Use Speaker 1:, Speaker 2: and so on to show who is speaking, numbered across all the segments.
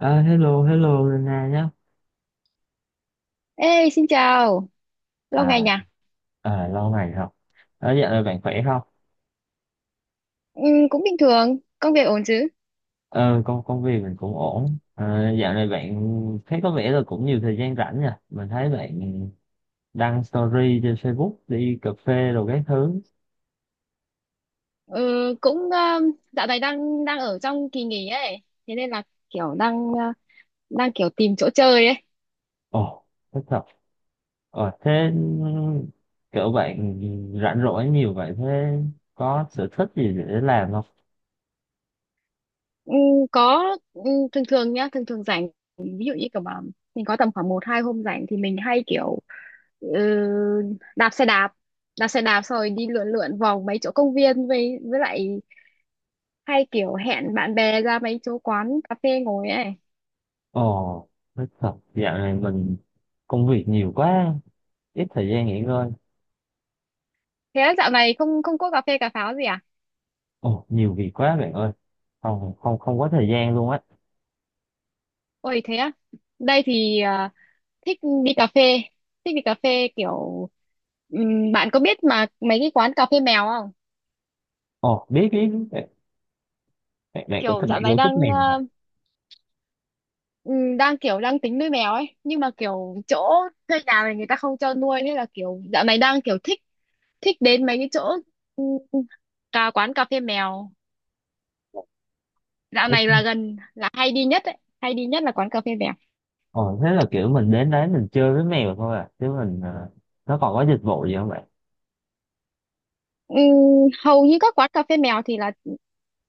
Speaker 1: À, hello, hello Nana nhá.
Speaker 2: Ê, xin chào, lâu ngày
Speaker 1: À,
Speaker 2: nhỉ?
Speaker 1: à, lâu ngày rồi. Ờ, dạo này bạn khỏe không?
Speaker 2: Ừ, cũng bình thường, công việc ổn chứ?
Speaker 1: Ờ, công công việc mình cũng ổn. Ờ, dạo này bạn thấy có vẻ là cũng nhiều thời gian rảnh nha. Mình thấy bạn đăng story trên Facebook đi cà phê rồi các thứ.
Speaker 2: Ừ, cũng ờ, dạo này đang đang ở trong kỳ nghỉ ấy, thế nên là kiểu đang ờ, đang kiểu tìm chỗ chơi ấy.
Speaker 1: Ồ, thích thật. Ờ, thế kiểu bạn rảnh rỗi nhiều vậy thế có sở thích gì để làm không?
Speaker 2: Ừ, có ừ, thường thường nhá, thường thường rảnh, ví dụ như kiểu mà mình có tầm khoảng một hai hôm rảnh thì mình hay kiểu ừ, đạp xe đạp, đạp xe đạp xong rồi đi lượn lượn vòng mấy chỗ công viên với lại hay kiểu hẹn bạn bè ra mấy chỗ quán cà phê ngồi ấy.
Speaker 1: Ồ, thích thật. Dạo này mình công việc nhiều quá, ít thời gian nghỉ ngơi.
Speaker 2: Thế dạo này không không có cà phê cà pháo gì à?
Speaker 1: Ồ, nhiều việc quá bạn ơi. Không, không, không có thời gian luôn á.
Speaker 2: Ôi thế á, đây thì thích đi cà phê, thích đi cà phê kiểu bạn có biết mà mấy cái quán cà phê mèo không?
Speaker 1: Ồ, biết, biết, biết. Bạn cũng thích,
Speaker 2: Kiểu
Speaker 1: bạn
Speaker 2: dạo này
Speaker 1: yêu thích
Speaker 2: đang
Speaker 1: mèo
Speaker 2: à,
Speaker 1: à?
Speaker 2: ừm, đang kiểu đang tính nuôi mèo ấy, nhưng mà kiểu chỗ thuê nhà này người ta không cho nuôi, thế là kiểu dạo này đang kiểu thích thích đến mấy cái chỗ ừm, cà quán cà phê mèo. Dạo
Speaker 1: Thích.
Speaker 2: này là gần là hay đi nhất ấy, hay đi nhất là quán cà phê mèo.
Speaker 1: Ồ, thế là kiểu mình đến đấy mình chơi với mèo thôi à. Chứ mình, nó còn có dịch vụ gì không bạn?
Speaker 2: Ừm, hầu như các quán cà phê mèo thì là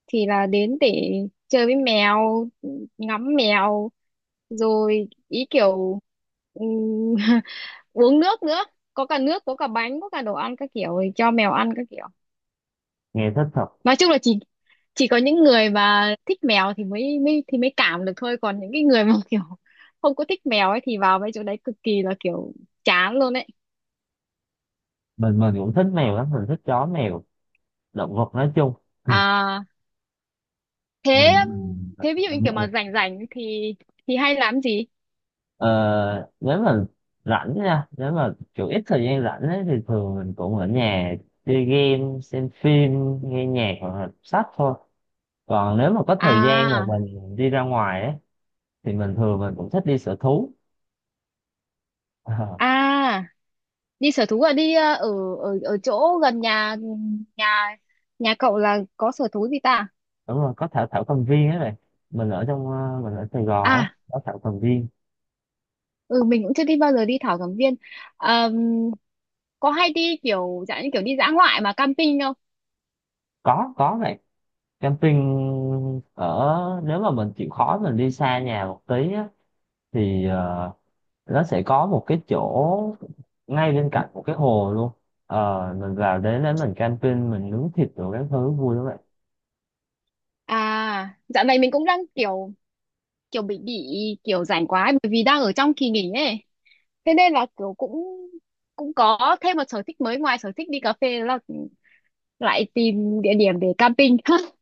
Speaker 2: thì là đến để chơi với mèo, ngắm mèo, rồi ý kiểu ừm, uống nước nữa, có cả nước, có cả bánh, có cả đồ ăn các kiểu để cho mèo ăn các kiểu.
Speaker 1: Nghe thích thật.
Speaker 2: Nói chung là chỉ có những người mà thích mèo thì mới mới thì mới cảm được thôi, còn những cái người mà kiểu không có thích mèo ấy thì vào mấy chỗ đấy cực kỳ là kiểu chán luôn ấy.
Speaker 1: Mình cũng thích mèo lắm, mình thích chó mèo, động vật nói chung.
Speaker 2: À thế,
Speaker 1: Mình, mình-
Speaker 2: thế ví dụ như kiểu mà rảnh rảnh thì hay làm gì?
Speaker 1: ờ, nếu mà rảnh nha, nếu mà kiểu ít thời gian rảnh ấy, thì thường mình cũng ở nhà chơi game, xem phim, nghe nhạc hoặc là đọc sách thôi. Còn nếu mà có thời gian mà
Speaker 2: À,
Speaker 1: mình đi ra ngoài ấy, thì mình thường mình cũng thích đi sở thú. Ờ,
Speaker 2: à, đi sở thú à? Đi ờ, ở ở ở chỗ gần nhà nhà nhà cậu là có sở thú gì ta?
Speaker 1: đúng rồi có thảo thảo cầm viên ấy này. Mình ở Sài Gòn á,
Speaker 2: À,
Speaker 1: có thảo cầm viên.
Speaker 2: ừ mình cũng chưa đi bao giờ, đi thảo cầm viên. Ờm, có hay đi kiểu dạng như kiểu đi dã ngoại mà camping không?
Speaker 1: Có này, camping ở nếu mà mình chịu khó mình đi xa nhà một tí á, thì nó sẽ có một cái chỗ ngay bên cạnh một cái hồ luôn. Ờ, mình vào đến đấy mình camping mình nướng thịt rồi các thứ vui lắm vậy.
Speaker 2: À, dạo này mình cũng đang kiểu kiểu bị kiểu rảnh quá ấy, bởi vì đang ở trong kỳ nghỉ ấy. Thế nên là kiểu cũng cũng có thêm một sở thích mới, ngoài sở thích đi cà phê là lại tìm địa điểm để camping.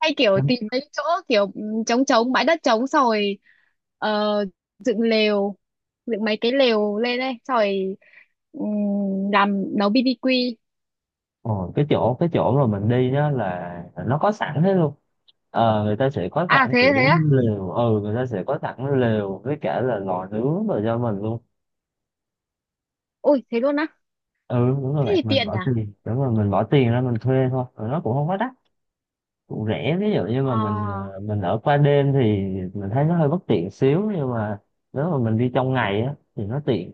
Speaker 2: Hay kiểu tìm mấy chỗ kiểu ừ, trống trống bãi đất trống xong rồi ờ, dựng lều, dựng mấy cái lều lên đây xong rồi làm nấu BBQ.
Speaker 1: Ồ, cái chỗ mà mình đi đó là nó có sẵn hết luôn. Người ta sẽ có
Speaker 2: À
Speaker 1: sẵn
Speaker 2: thế, thế
Speaker 1: kiểu
Speaker 2: á,
Speaker 1: lều, ừ người ta sẽ có sẵn lều với cả là lò nướng rồi cho mình luôn.
Speaker 2: ui thế luôn á,
Speaker 1: Ừ đúng rồi
Speaker 2: thế
Speaker 1: bạn,
Speaker 2: thì
Speaker 1: mình
Speaker 2: tiện
Speaker 1: bỏ
Speaker 2: nhỉ.
Speaker 1: tiền đúng rồi mình bỏ tiền ra mình thuê thôi rồi nó cũng không quá đắt, cũng rẻ. Ví dụ như mà
Speaker 2: à
Speaker 1: mình ở qua đêm thì mình thấy nó hơi bất tiện xíu nhưng mà nếu mà mình đi trong ngày á thì nó tiện.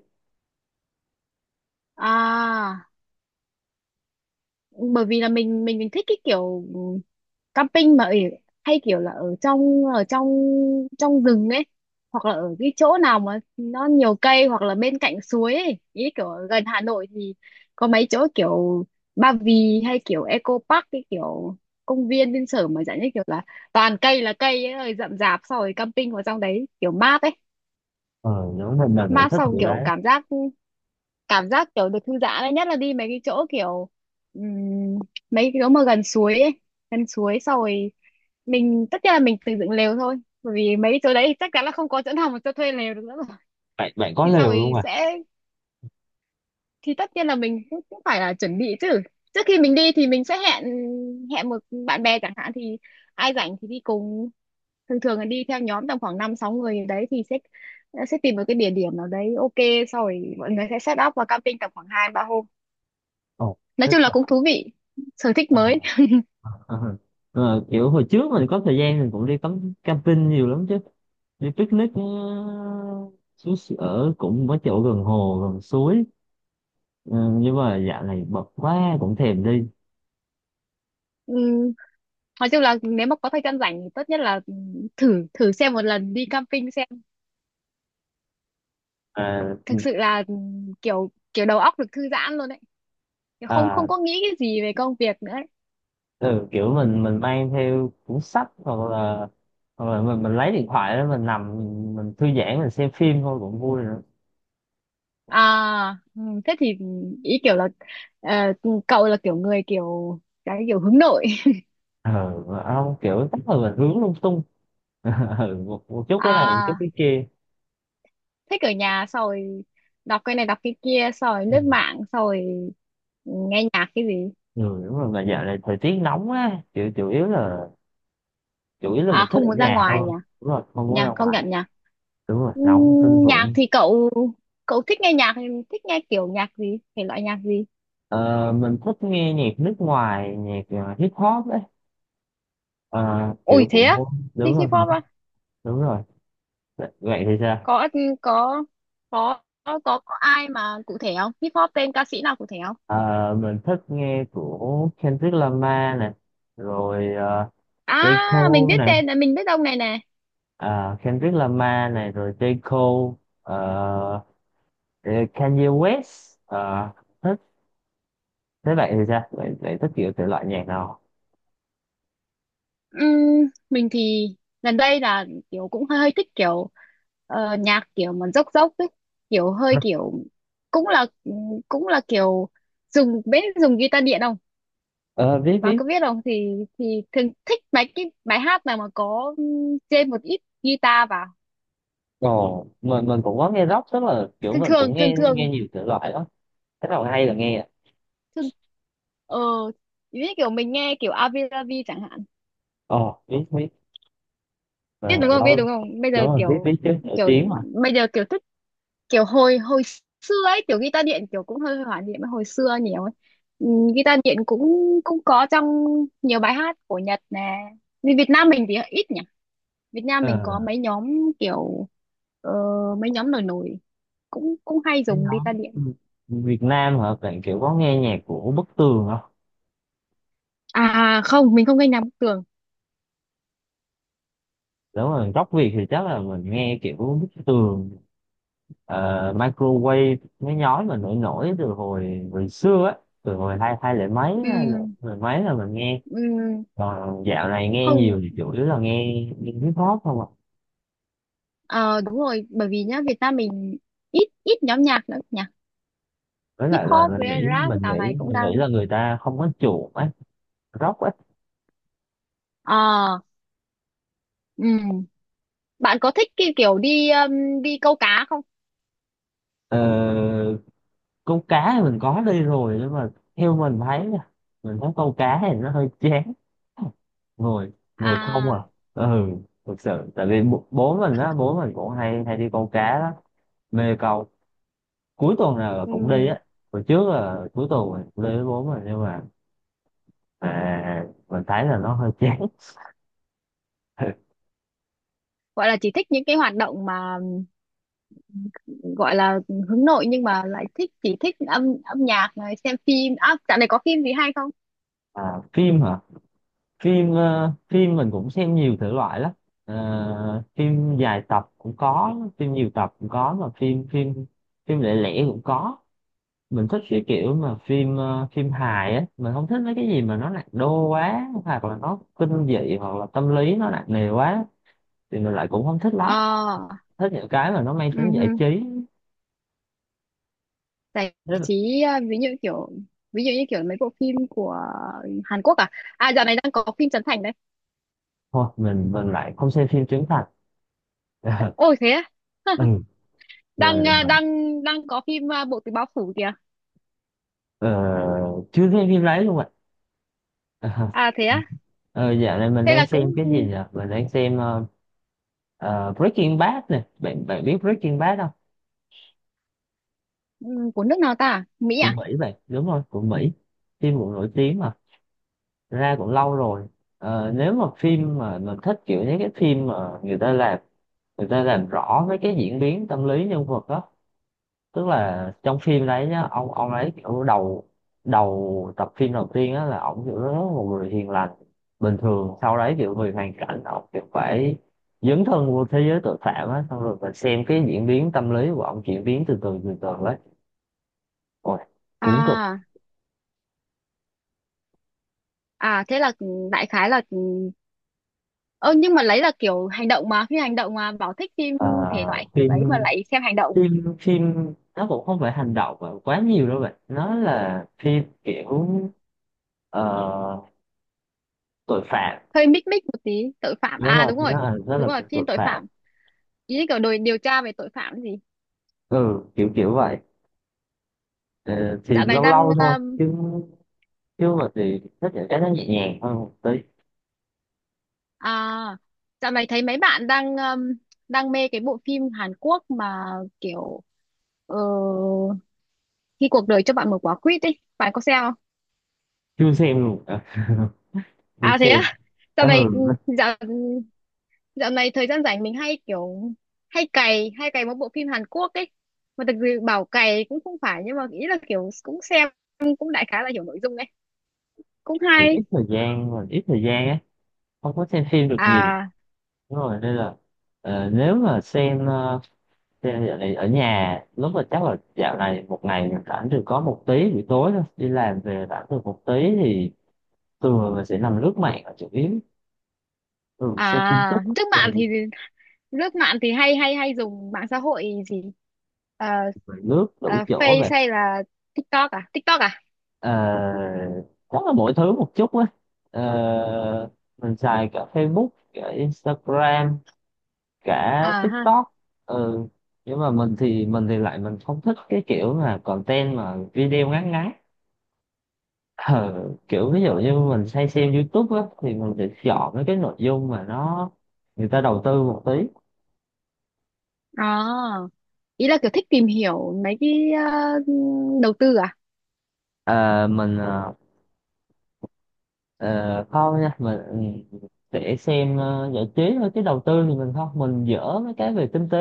Speaker 2: à bởi vì là mình thích cái kiểu camping mà ở, hay kiểu là ở trong trong rừng ấy, hoặc là ở cái chỗ nào mà nó nhiều cây hoặc là bên cạnh suối ấy, ý kiểu ở gần Hà Nội thì có mấy chỗ kiểu Ba Vì hay kiểu Eco Park, cái kiểu công viên bên sở mà dạng như kiểu là toàn cây là cây ấy rồi rậm rạp, sau rồi camping vào trong đấy kiểu mát ấy,
Speaker 1: Ờ Nếu mình là người
Speaker 2: mát
Speaker 1: thích
Speaker 2: xong
Speaker 1: điều
Speaker 2: kiểu
Speaker 1: đấy.
Speaker 2: cảm giác kiểu được thư giãn đấy, nhất là đi mấy cái chỗ kiểu ừm, mấy cái chỗ mà gần suối ấy, gần suối xong rồi mình tất nhiên là mình tự dựng lều thôi, bởi vì mấy cái chỗ đấy thì chắc chắn là không có chỗ nào mà cho thuê lều được nữa rồi.
Speaker 1: Bạn bạn có
Speaker 2: thì sau
Speaker 1: lều
Speaker 2: rồi
Speaker 1: luôn à?
Speaker 2: sẽ thì tất nhiên là mình cũng, cũng phải là chuẩn bị chứ, trước khi mình đi thì mình sẽ hẹn hẹn một bạn bè chẳng hạn thì ai rảnh thì đi cùng, thường thường là đi theo nhóm tầm khoảng năm sáu người đấy, thì sẽ tìm một cái địa điểm nào đấy ok, sau rồi mọi người sẽ set up và camping tầm khoảng hai ba hôm.
Speaker 1: Ồ,
Speaker 2: Nói
Speaker 1: thích
Speaker 2: chung là
Speaker 1: thật.
Speaker 2: cũng thú vị, sở thích
Speaker 1: Ờ.
Speaker 2: mới.
Speaker 1: Ờ, kiểu hồi trước mình có thời gian mình cũng đi cắm camping nhiều lắm chứ, đi picnic, xuống ở cũng có chỗ gần hồ gần suối. Ờ, nhưng mà dạo này bận quá cũng thèm đi.
Speaker 2: Ừm, nói chung là nếu mà có thời gian rảnh thì tốt nhất là thử thử xem một lần đi camping xem,
Speaker 1: à,
Speaker 2: thực sự là kiểu kiểu đầu óc được thư giãn luôn đấy, không
Speaker 1: à
Speaker 2: không có nghĩ cái gì về công việc nữa ấy.
Speaker 1: ừ, kiểu mình mang theo cuốn sách hoặc là mình lấy điện thoại đó mình nằm, mình thư giãn mình xem phim thôi cũng vui nữa.
Speaker 2: À, thế thì ý kiểu là ờ, cậu là kiểu người kiểu cái kiểu hướng nội.
Speaker 1: Ừ, mà không kiểu chắc là mình hướng lung tung. Ừ, một chút cái này một chút
Speaker 2: À
Speaker 1: cái kia.
Speaker 2: thích ở nhà xong rồi đọc cái này đọc cái kia xong rồi
Speaker 1: Ừ.
Speaker 2: lướt mạng xong rồi nghe nhạc cái gì.
Speaker 1: Ừ, đúng rồi mà dạo này thời tiết nóng á, chủ chủ yếu là mình
Speaker 2: À
Speaker 1: thích
Speaker 2: không
Speaker 1: ở
Speaker 2: muốn ra
Speaker 1: nhà
Speaker 2: ngoài nhỉ,
Speaker 1: hơn. Đúng rồi không muốn
Speaker 2: nhỉ
Speaker 1: ra
Speaker 2: công nhận
Speaker 1: ngoài.
Speaker 2: nhỉ.
Speaker 1: Đúng rồi nóng kinh
Speaker 2: Nhạc
Speaker 1: khủng.
Speaker 2: thì cậu cậu thích nghe nhạc, thích nghe kiểu nhạc gì, thể loại nhạc gì?
Speaker 1: Ờ, mình thích nghe nhạc nước ngoài, nhạc hip hop ấy. Ờ,
Speaker 2: Ôi
Speaker 1: Kiểu của...
Speaker 2: thế á,
Speaker 1: Đúng
Speaker 2: thích hip
Speaker 1: rồi
Speaker 2: hop á?
Speaker 1: đúng rồi. Vậy thì sao?
Speaker 2: Có có có có có có ai mà cụ thể không, hip hop tên ca sĩ nào cụ thể không?
Speaker 1: Ờ, mình thích nghe của Kendrick Lamar này, rồi J.
Speaker 2: À mình
Speaker 1: Cole
Speaker 2: biết
Speaker 1: này.
Speaker 2: tên này, mình biết ông này nè.
Speaker 1: Ờ, Kendrick Lamar này rồi J. Cole, ờ, Kanye West, thế bạn thì sao, bạn thích kiểu thể loại nhạc nào?
Speaker 2: Mình thì gần đây là kiểu cũng hơi thích kiểu nhạc kiểu mà dốc dốc ấy, kiểu hơi kiểu cũng là cũng là kiểu dùng, biết dùng guitar điện không,
Speaker 1: Ờ, biết
Speaker 2: bạn
Speaker 1: biết.
Speaker 2: có biết không? Thì thì thường thích mấy cái bài hát nào mà có thêm một ít guitar vào.
Speaker 1: Ồ. Mình cũng có nghe rock, tức là kiểu
Speaker 2: thường
Speaker 1: mình
Speaker 2: thường
Speaker 1: cũng
Speaker 2: thường
Speaker 1: nghe nghe
Speaker 2: thường
Speaker 1: nhiều thể loại đó. Thế nào hay là nghe ạ.
Speaker 2: thường ờ như kiểu mình nghe kiểu Avi Lavi chẳng hạn,
Speaker 1: Ồ, biết biết. Ờ,
Speaker 2: biết đúng không,
Speaker 1: lâu
Speaker 2: biết
Speaker 1: lắm.
Speaker 2: đúng không, bây
Speaker 1: Đúng
Speaker 2: giờ
Speaker 1: rồi biết biết
Speaker 2: kiểu
Speaker 1: chứ, nổi
Speaker 2: kiểu
Speaker 1: tiếng mà.
Speaker 2: bây giờ kiểu thích kiểu hồi hồi xưa ấy, kiểu guitar điện kiểu cũng hơi hoài niệm hồi xưa nhiều ấy. Guitar điện cũng cũng có trong nhiều bài hát của Nhật nè, vì Việt Nam mình thì ít nhỉ. Việt Nam
Speaker 1: Ờ,
Speaker 2: mình có mấy nhóm kiểu ờ, mấy nhóm nổi nổi cũng cũng hay
Speaker 1: cái
Speaker 2: dùng
Speaker 1: nhóm
Speaker 2: guitar điện.
Speaker 1: Việt Nam hả bạn, kiểu có nghe nhạc của Bức Tường không?
Speaker 2: À không, mình không gây nám tường.
Speaker 1: Nếu mà rock Việt thì chắc là mình nghe kiểu Bức Tường, Microwave, mấy nhóm mà nổi nổi từ hồi hồi xưa á, từ hồi hai hai lẻ mấy
Speaker 2: Ừ,
Speaker 1: hay là mười mấy là mình nghe.
Speaker 2: ừ,
Speaker 1: Còn dạo này nghe
Speaker 2: không
Speaker 1: nhiều thì chủ yếu là nghe hip hop không ạ.
Speaker 2: ờ, đúng rồi, bởi vì nhá Việt Nam mình ít ít nhóm nhạc nữa nhỉ.
Speaker 1: Với
Speaker 2: Hip
Speaker 1: lại là
Speaker 2: hop
Speaker 1: mình
Speaker 2: với
Speaker 1: nghĩ
Speaker 2: rap
Speaker 1: mình
Speaker 2: dạo
Speaker 1: nghĩ
Speaker 2: này cũng
Speaker 1: mình nghĩ
Speaker 2: đang
Speaker 1: là người ta không có chuộng ấy, rock ấy.
Speaker 2: ờ. Ừ. Bạn có thích cái kiểu đi đi câu cá không?
Speaker 1: ờ, Câu cá thì mình có đi rồi nhưng mà theo mình thấy nha, mình thấy câu cá thì nó hơi chán, ngồi ngồi không à.
Speaker 2: À
Speaker 1: Ừ thực sự tại vì bố bố mình á, bố mình cũng hay hay đi câu cá đó, mê câu, cuối tuần nào là cũng đi
Speaker 2: ừm,
Speaker 1: á. Hồi trước là cuối tuần mình cũng đi với bố mình nhưng mà à, mình thấy là nó hơi chán.
Speaker 2: gọi là chỉ thích những cái hoạt động mà gọi là hướng nội nhưng mà lại thích, chỉ thích âm âm nhạc này, xem phim. À, dạo này có phim gì hay không?
Speaker 1: À, phim hả? Phim mình cũng xem nhiều thể loại lắm. Ờ, phim dài tập cũng có, phim nhiều tập cũng có, mà phim phim phim lẻ lẻ cũng có. Mình thích cái kiểu mà phim hài á, mình không thích mấy cái gì mà nó nặng đô quá hoặc là nó kinh dị hoặc là tâm lý nó nặng nề quá thì mình lại cũng không thích lắm.
Speaker 2: Ờ.
Speaker 1: Thích những cái mà nó mang
Speaker 2: Ừ.
Speaker 1: tính giải trí.
Speaker 2: Giải
Speaker 1: Thế là,
Speaker 2: trí à, ví dụ kiểu ví dụ như kiểu mấy bộ phim của Hàn Quốc à, à dạo này đang có phim Trấn Thành đấy.
Speaker 1: thôi mình lại không xem phim trưởng thành.
Speaker 2: Ôi thế á.
Speaker 1: Ừ, rồi,
Speaker 2: đang à, đang đang có phim à, Bộ Tứ Báo Phủ kìa.
Speaker 1: ờ, chưa xem phim đấy luôn ạ.
Speaker 2: À thế á,
Speaker 1: Ờ, dạo này mình
Speaker 2: thế
Speaker 1: đang
Speaker 2: là cũng.
Speaker 1: xem cái gì nhỉ? Mình đang xem Breaking Bad nè. Bạn bạn biết Breaking Bad không?
Speaker 2: ừ, của nước nào ta, Mỹ
Speaker 1: Của
Speaker 2: à?
Speaker 1: Mỹ vậy. Đúng rồi, của Mỹ. Phim cũng nổi tiếng mà. Ra cũng lâu rồi. Ờ, nếu mà phim mà mình thích kiểu những cái phim mà người ta làm rõ mấy cái diễn biến tâm lý nhân vật á, tức là trong phim đấy nhá ông ấy kiểu đầu đầu tập phim đầu tiên á là ông kiểu rất là một người hiền lành bình thường, sau đấy kiểu vì hoàn cảnh ông kiểu phải dấn thân vô thế giới tội phạm á, xong rồi mình xem cái diễn biến tâm lý của ông chuyển biến từ từ từ từ đấy, ôi cuốn cực.
Speaker 2: À, à thế là đại khái là ừ, ơ nhưng mà lấy là kiểu hành động mà phim hành động mà bảo thích phim
Speaker 1: À,
Speaker 2: thể loại kiểu đấy mà
Speaker 1: phim
Speaker 2: lại xem hành động,
Speaker 1: phim phim nó cũng không phải hành động mà quá nhiều đâu bạn, nó là phim kiểu ờ, tội phạm.
Speaker 2: hơi mích mích một tí. Tội phạm
Speaker 1: Đúng
Speaker 2: à,
Speaker 1: rồi
Speaker 2: đúng rồi,
Speaker 1: nó là rất
Speaker 2: đúng
Speaker 1: là
Speaker 2: rồi,
Speaker 1: kiểu
Speaker 2: phim
Speaker 1: tội
Speaker 2: tội
Speaker 1: phạm,
Speaker 2: phạm, ý kiểu đồi điều tra về tội phạm gì.
Speaker 1: ừ kiểu kiểu vậy. Ờ, thì
Speaker 2: Dạo này
Speaker 1: lâu
Speaker 2: đang.
Speaker 1: lâu thôi chứ, chứ mà thì thích những cái nó nhẹ nhàng hơn một tí.
Speaker 2: À, dạo này thấy mấy bạn đang đang mê cái bộ phim Hàn Quốc mà kiểu ờ, khi cuộc đời cho bạn một quả quýt ấy, bạn có xem không?
Speaker 1: Chưa xem luôn à, chưa
Speaker 2: À thế
Speaker 1: xem.
Speaker 2: á. Dạo
Speaker 1: Ừ
Speaker 2: này ừ, dạo dạo này thời gian rảnh mình hay kiểu hay cày một bộ phim Hàn Quốc ấy. Mà thực sự bảo cày cũng không phải nhưng mà ý là kiểu cũng xem, cũng đại khái là hiểu nội dung ấy. Cũng
Speaker 1: thì
Speaker 2: hay.
Speaker 1: ít thời gian mà ít thời gian á, không có xem phim được nhiều
Speaker 2: À,
Speaker 1: đúng rồi, nên là nếu mà xem xem dạo này ở nhà lúc mà chắc là dạo này một ngày mình rảnh được có một tí buổi tối thôi, đi làm về rảnh được một tí thì thường là mình sẽ nằm lướt mạng là chủ yếu, thường xem tin tức.
Speaker 2: à trước
Speaker 1: Ừ,
Speaker 2: bạn thì lướt mạng thì hay hay hay dùng mạng xã hội gì? Ờ,
Speaker 1: rồi lướt đủ
Speaker 2: ờ,
Speaker 1: chỗ
Speaker 2: Face
Speaker 1: về.
Speaker 2: hay là TikTok à, TikTok à?
Speaker 1: Ờ, chắc là mỗi thứ một chút á. Ờ, mình xài cả Facebook, cả Instagram, cả
Speaker 2: À ha.
Speaker 1: TikTok. Ừ. Nhưng mà mình thì lại mình không thích cái kiểu là content mà video ngắn ngắn. Ờ, kiểu ví dụ như mình hay xem YouTube á thì mình sẽ chọn mấy cái nội dung mà nó người ta đầu tư một tí.
Speaker 2: Ờ, ý là kiểu thích tìm hiểu mấy cái ờ, đầu tư à?
Speaker 1: Ờ, mình ờ, không nha, mình để xem giải trí thôi chứ đầu tư thì mình không, mình dở mấy cái về kinh tế.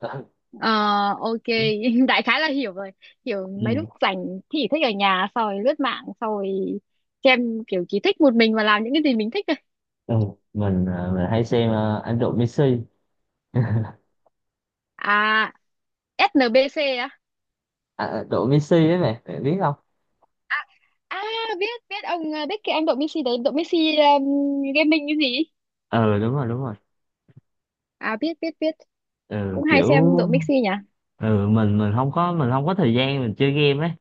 Speaker 2: Ờ, ok. Đại khái là hiểu rồi, hiểu mấy
Speaker 1: Ừ.
Speaker 2: lúc rảnh thì thích ở nhà xong rồi lướt mạng xong rồi xem, kiểu chỉ thích một mình và làm những cái gì mình thích thôi.
Speaker 1: Ừ, mình hay xem anh Độ Messi.
Speaker 2: À SNBC á?
Speaker 1: À, Độ Messi ấy, mày mày biết không?
Speaker 2: À biết, biết ông ờ, biết cái anh đội Messi đấy, đội Messi gaming cái gì.
Speaker 1: Ừ đúng rồi đúng rồi.
Speaker 2: À biết, biết, biết,
Speaker 1: Ừ,
Speaker 2: cũng hay
Speaker 1: kiểu
Speaker 2: xem độ Mixi nhỉ.
Speaker 1: mình không có thời gian mình chơi game ấy,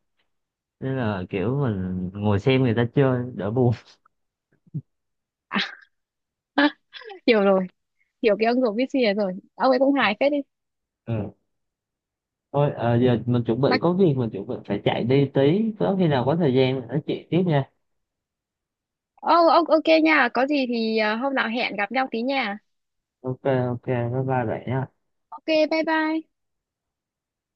Speaker 1: nên là kiểu mình ngồi xem người ta chơi đỡ buồn.
Speaker 2: À, hiểu rồi, hiểu cái ông độ Mixi này rồi, ông ấy cũng hài phết đi.
Speaker 1: Ừ. Thôi giờ mình chuẩn
Speaker 2: Mà
Speaker 1: bị có việc, mình chuẩn bị phải chạy đi tí, có khi nào có thời gian mình nói chuyện tiếp nha.
Speaker 2: ô ô- ok nha, có gì thì à, hôm nào hẹn gặp nhau tí nha.
Speaker 1: Ok ok, bye bye bạn nha.
Speaker 2: Ok bye bye.